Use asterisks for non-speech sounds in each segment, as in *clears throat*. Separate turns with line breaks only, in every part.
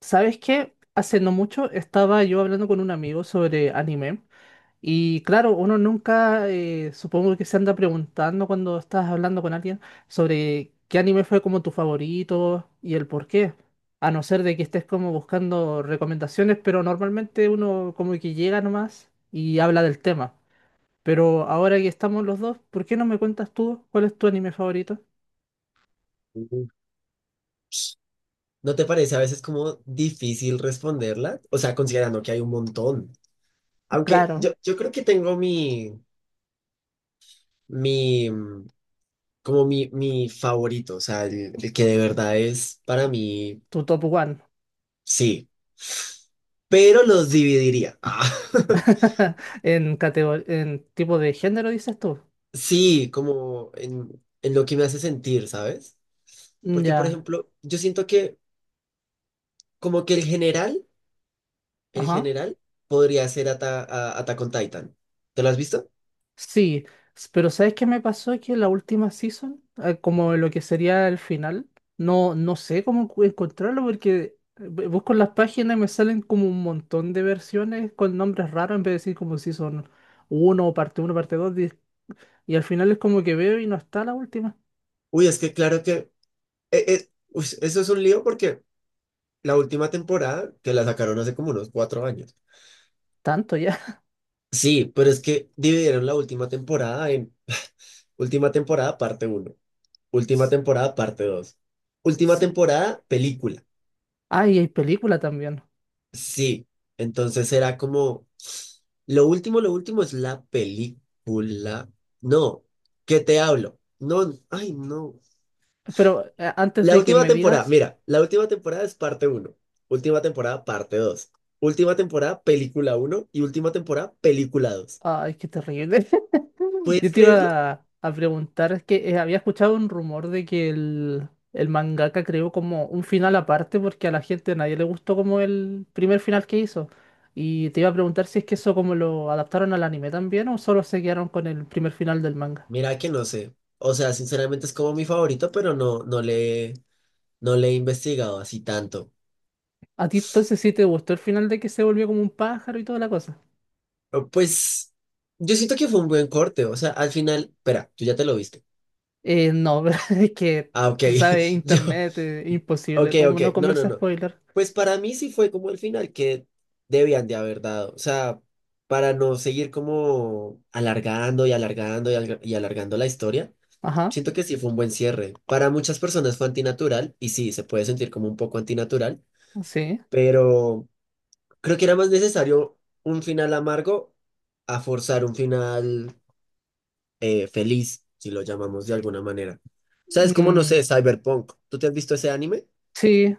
¿Sabes qué? Hace no mucho estaba yo hablando con un amigo sobre anime y claro, uno nunca supongo que se anda preguntando cuando estás hablando con alguien sobre qué anime fue como tu favorito y el por qué, a no ser de que estés como buscando recomendaciones, pero normalmente uno como que llega nomás y habla del tema. Pero ahora que estamos los dos, ¿por qué no me cuentas tú cuál es tu anime favorito?
Mm. ¿No te parece a veces como difícil responderla? O sea, considerando que hay un montón. Aunque
Claro,
yo creo que tengo mi, mi, mm, como mi favorito, o sea, el que de verdad es para mí,
tu top one.
sí, pero los dividiría. Ah, *laughs*
*laughs* En tipo de género dices tú.
Sí, como en lo que me hace sentir, ¿sabes?
Mm,
Porque, por
ya,
ejemplo, yo siento que como que el
ajá.
general podría ser Attack on Titan. ¿Te lo has visto?
Sí, pero ¿sabes qué me pasó? Que la última season, como lo que sería el final, no, no sé cómo encontrarlo porque busco en las páginas y me salen como un montón de versiones con nombres raros en vez de decir como season uno, o parte uno, parte dos, y al final es como que veo y no está la última.
Uy, es que claro que eso es un lío porque la última temporada, que la sacaron hace como unos cuatro años.
Tanto ya.
Sí, pero es que dividieron la última temporada en última temporada parte uno,
*laughs*
última
S-
temporada parte dos, última
s-
temporada película.
Ah, y hay película también.
Sí, entonces era como, lo último es la película. No, ¿qué te hablo? No, ay, no.
Pero antes
La
de que
última
me
temporada,
digas,
mira, la última temporada es parte uno, última temporada parte dos, última temporada película uno y última temporada película dos.
ay, qué terrible. *laughs*
¿Puedes
Yo te
creerlo?
iba a preguntar, es que había escuchado un rumor de que el mangaka creó como un final aparte porque a la gente a nadie le gustó como el primer final que hizo. Y te iba a preguntar si es que eso como lo adaptaron al anime también o solo se quedaron con el primer final del manga.
Mira que no sé. O sea, sinceramente es como mi favorito, pero no le he investigado así tanto.
¿A ti entonces sí te gustó el final de que se volvió como un pájaro y toda la cosa?
Pero, pues yo siento que fue un buen corte, o sea, al final, espera, tú ya te lo viste.
No, *laughs* pero es que
Ah, ok,
tú sabes,
*laughs* yo,
internet,
ok,
imposible, como
ok,
no
no, no,
comerse
no.
spoiler.
Pues para mí sí fue como el final que debían de haber dado. O sea, para no seguir como alargando y alargando y, y alargando la historia,
Ajá,
siento que sí fue un buen cierre. Para muchas personas fue antinatural y sí, se puede sentir como un poco antinatural,
sí.
pero creo que era más necesario un final amargo a forzar un final feliz, si lo llamamos de alguna manera. O sea, es como, no
Mm,
sé, Cyberpunk. ¿Tú te has visto ese anime?
sí.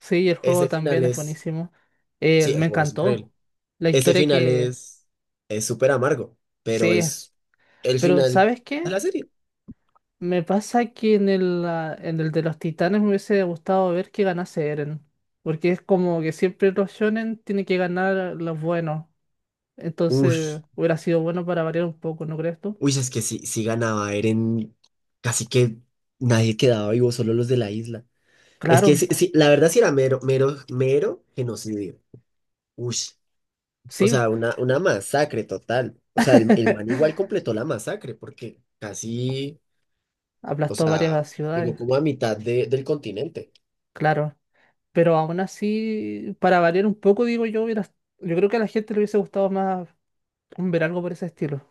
Sí, el juego
Ese final
también es
es...
buenísimo. Eh,
Sí, el
me
juego es
encantó
increíble.
la
Ese
historia
final
que
es súper amargo, pero
sí,
es el
pero
final
¿sabes
de
qué?
la serie.
Me pasa que en el de los titanes me hubiese gustado ver que ganase Eren, porque es como que siempre los shonen tienen que ganar los buenos, entonces
Ush,
hubiera sido bueno para variar un poco, ¿no crees tú?
uy, es que si ganaba Eren, casi que nadie quedaba vivo, solo los de la isla. Es que
Claro,
sí, sí, la verdad sí era mero, mero, mero genocidio. Ush, o
sí,
sea, una masacre total. O sea, el man
*laughs*
igual completó la masacre, porque casi, o
aplastó
sea,
varias
llegó
ciudades,
como a del continente.
claro, pero aún así, para variar un poco, digo yo, yo creo que a la gente le hubiese gustado más un ver algo por ese estilo.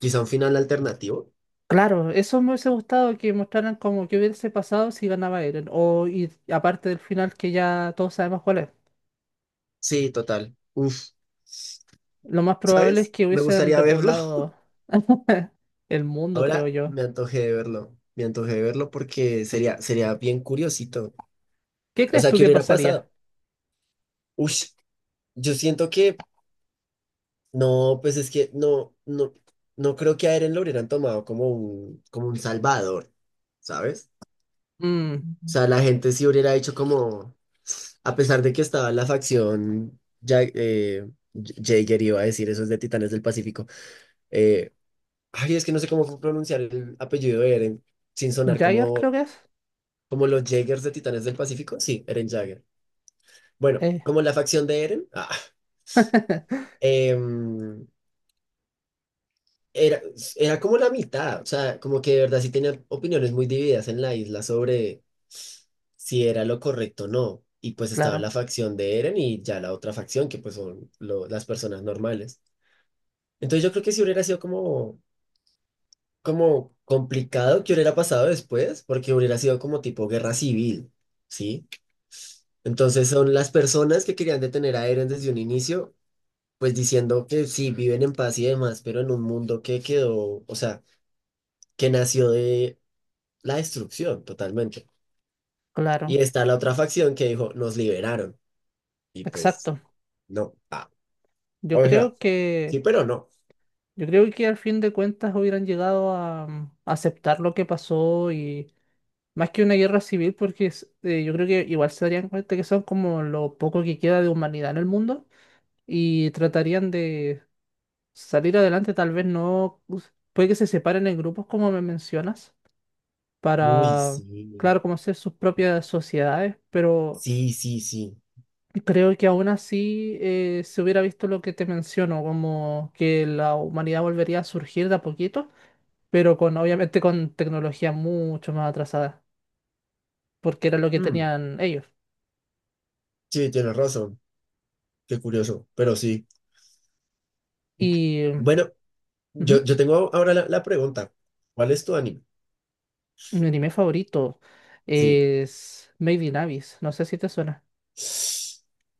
Quizá un final alternativo.
Claro, eso me hubiese gustado que mostraran como que hubiese pasado si ganaba Eren. O y aparte del final que ya todos sabemos cuál es.
Sí, total. Uf.
Lo más probable es
¿Sabes?
que
Me
hubiesen
gustaría verlo.
repoblado *laughs* el mundo, creo
Ahora
yo.
me antojé de verlo. Me antojé de verlo porque sería, sería bien curiosito.
¿Qué
O
crees
sea,
tú
¿qué
que
hubiera
pasaría?
pasado? Ush, yo siento que no, pues es que no creo que a Eren lo hubieran tomado como como un salvador, ¿sabes?
Mm,
O sea, la gente sí hubiera hecho como, a pesar de que estaba la facción, ya, Jaeger iba a decir, eso es de Titanes del Pacífico. Eh, ay, es que no sé cómo pronunciar el apellido de Eren sin sonar
Jaeger
como
creo que es.
como los Jaegers de Titanes del Pacífico. Sí, Eren Jaeger. Bueno,
Eh,
como la facción de Eren.
*laughs*
Em, era, era como la mitad. O sea, como que de verdad sí tenían opiniones muy divididas en la isla sobre si era lo correcto o no. Y pues estaba la
claro,
facción de Eren y ya la otra facción, que pues son las personas normales. Entonces yo creo que si hubiera sido como, como complicado que hubiera pasado después, porque hubiera sido como tipo guerra civil, ¿sí? Entonces son las personas que querían detener a Eren desde un inicio, pues diciendo que sí, viven en paz y demás, pero en un mundo que quedó, o sea, que nació de la destrucción totalmente.
claro,
Y está la otra facción que dijo, nos liberaron. Y pues,
exacto.
no. Ah,
Yo
o sea,
creo
sí,
que,
pero no.
yo creo que al fin de cuentas hubieran llegado a aceptar lo que pasó y más que una guerra civil, porque yo creo que igual se darían cuenta que son como lo poco que queda de humanidad en el mundo y tratarían de salir adelante, tal vez no, puede que se separen en grupos como me mencionas,
Uy,
para,
sí.
claro, como hacer sus propias sociedades, pero
Sí, sí, sí.
creo que aún así se hubiera visto lo que te menciono, como que la humanidad volvería a surgir de a poquito, pero obviamente con tecnología mucho más atrasada, porque era lo que
Mm,
tenían ellos.
sí, tienes razón. Qué curioso, pero sí.
Y
Bueno, yo,
Ujú.
yo tengo ahora la pregunta. ¿Cuál es tu anime?
Mi anime favorito
Sí.
es Made in Abyss. No sé si te suena.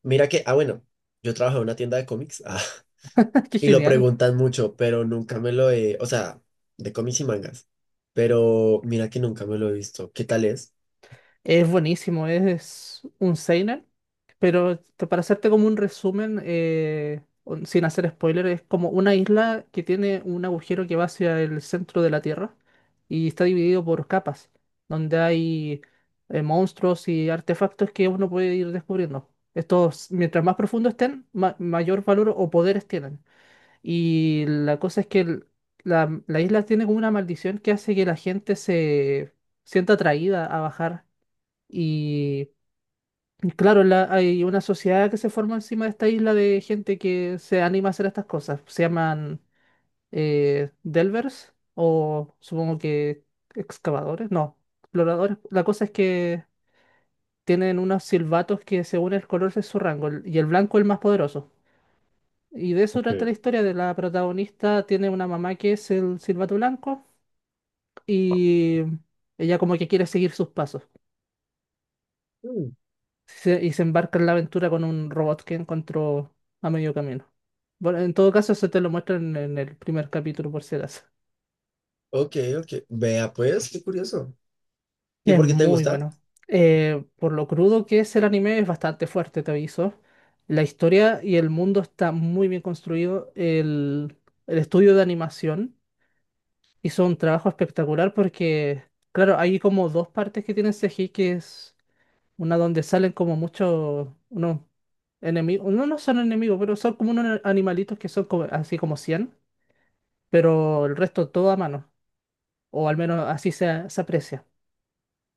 Mira que, ah, bueno, yo trabajo en una tienda de cómics,
*laughs* Qué
*laughs* y lo
genial.
preguntan mucho, pero nunca me lo he, o sea, de cómics y mangas, pero mira que nunca me lo he visto. ¿Qué tal es?
Es buenísimo. Es un seinen. Pero para hacerte como un resumen, sin hacer spoiler, es como una isla que tiene un agujero que va hacia el centro de la Tierra y está dividido por capas, donde hay monstruos y artefactos que uno puede ir descubriendo. Estos, mientras más profundo estén, mayor valor o poderes tienen. Y la cosa es que la isla tiene como una maldición que hace que la gente se sienta atraída a bajar. Y y claro, hay una sociedad que se forma encima de esta isla de gente que se anima a hacer estas cosas. Se llaman Delvers o supongo que excavadores, no, exploradores. La cosa es que tienen unos silbatos que según el color es su rango y el blanco es el más poderoso. Y de eso
Ok.
trata la historia de la protagonista. Tiene una mamá que es el Silbato Blanco y ella como que quiere seguir sus pasos.
Mm,
Y se embarca en la aventura con un robot que encontró a medio camino. Bueno, en todo caso, eso te lo muestran en el primer capítulo, por si acaso.
ok, ok. Vea pues, qué curioso. ¿Y
Es
por qué te
muy
gusta?
bueno. Por lo crudo que es el anime, es bastante fuerte, te aviso. La historia y el mundo está muy bien construido. El estudio de animación hizo un trabajo espectacular porque, claro, hay como dos partes que tienen CGI, que es una donde salen como muchos, unos enemigos, no, no son enemigos, pero son como unos animalitos que son así como 100, pero el resto todo a mano, o al menos así se aprecia.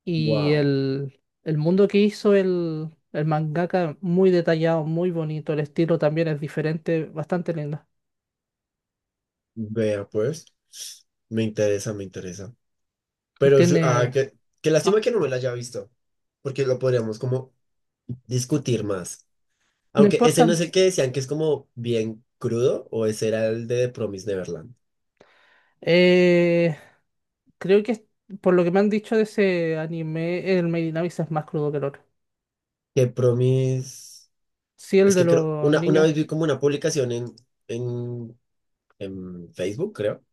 Y
Wow.
el mundo que hizo el mangaka, muy detallado, muy bonito, el estilo también es diferente, bastante lindo.
Vea pues, me interesa, me interesa. Pero,
Tiene.
qué, qué lástima
ah,
que no me la haya visto, porque lo podríamos como discutir más.
No
Aunque
importa.
ese no es el que decían que es como bien crudo, o ese era el de Promis Neverland.
Eh, creo que por lo que me han dicho de ese anime, el maid in Abyss es más crudo que el otro.
Que Promis.
Sí, el
Es
de
que creo.
los
Una
niños.
vez vi como una publicación en, en Facebook, creo.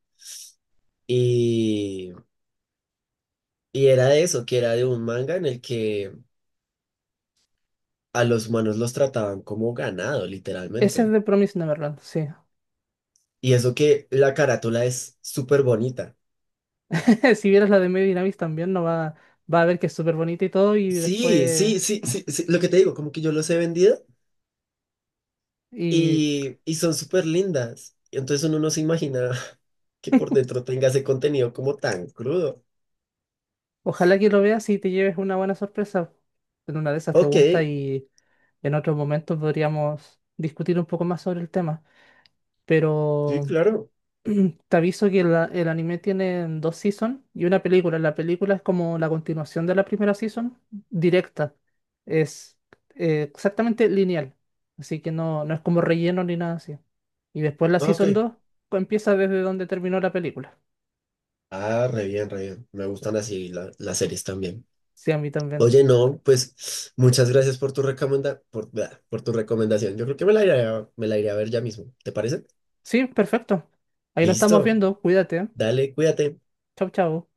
Y, y era de eso, que era de un manga en el que a los humanos los trataban como ganado,
Ese es
literalmente.
de Promise Neverland, sí.
Y eso que la carátula es súper bonita.
*laughs* Si vieras la de maid in Abyss también, no va a ver que es súper bonita y todo, y
Sí,
después.
sí, sí, sí, sí, lo que te digo, como que yo los he vendido.
Y
Y son súper lindas. Y entonces uno no se imagina *laughs* que por dentro tenga ese contenido como tan crudo.
ojalá que lo veas y te lleves una buena sorpresa. En una de esas te
Ok,
gusta y en otro momento podríamos discutir un poco más sobre el tema.
sí,
Pero.
claro.
*clears throat* Te aviso que el anime tiene dos seasons y una película. La película es como la continuación de la primera season, directa. Es exactamente lineal. Así que no, no es como relleno ni nada así. Y después la
Ah,
season
ok.
2 empieza desde donde terminó la película.
Ah, re bien, re bien. Me gustan así las series también.
Sí, a mí también.
Oye, no, pues muchas gracias por tu recomenda, por, bla, por tu recomendación. Yo creo que me la iré a, me la iré a ver ya mismo. ¿Te parece?
Sí, perfecto. Ahí nos estamos
Listo.
viendo. Cuídate.
Dale, cuídate.
Chau, chau.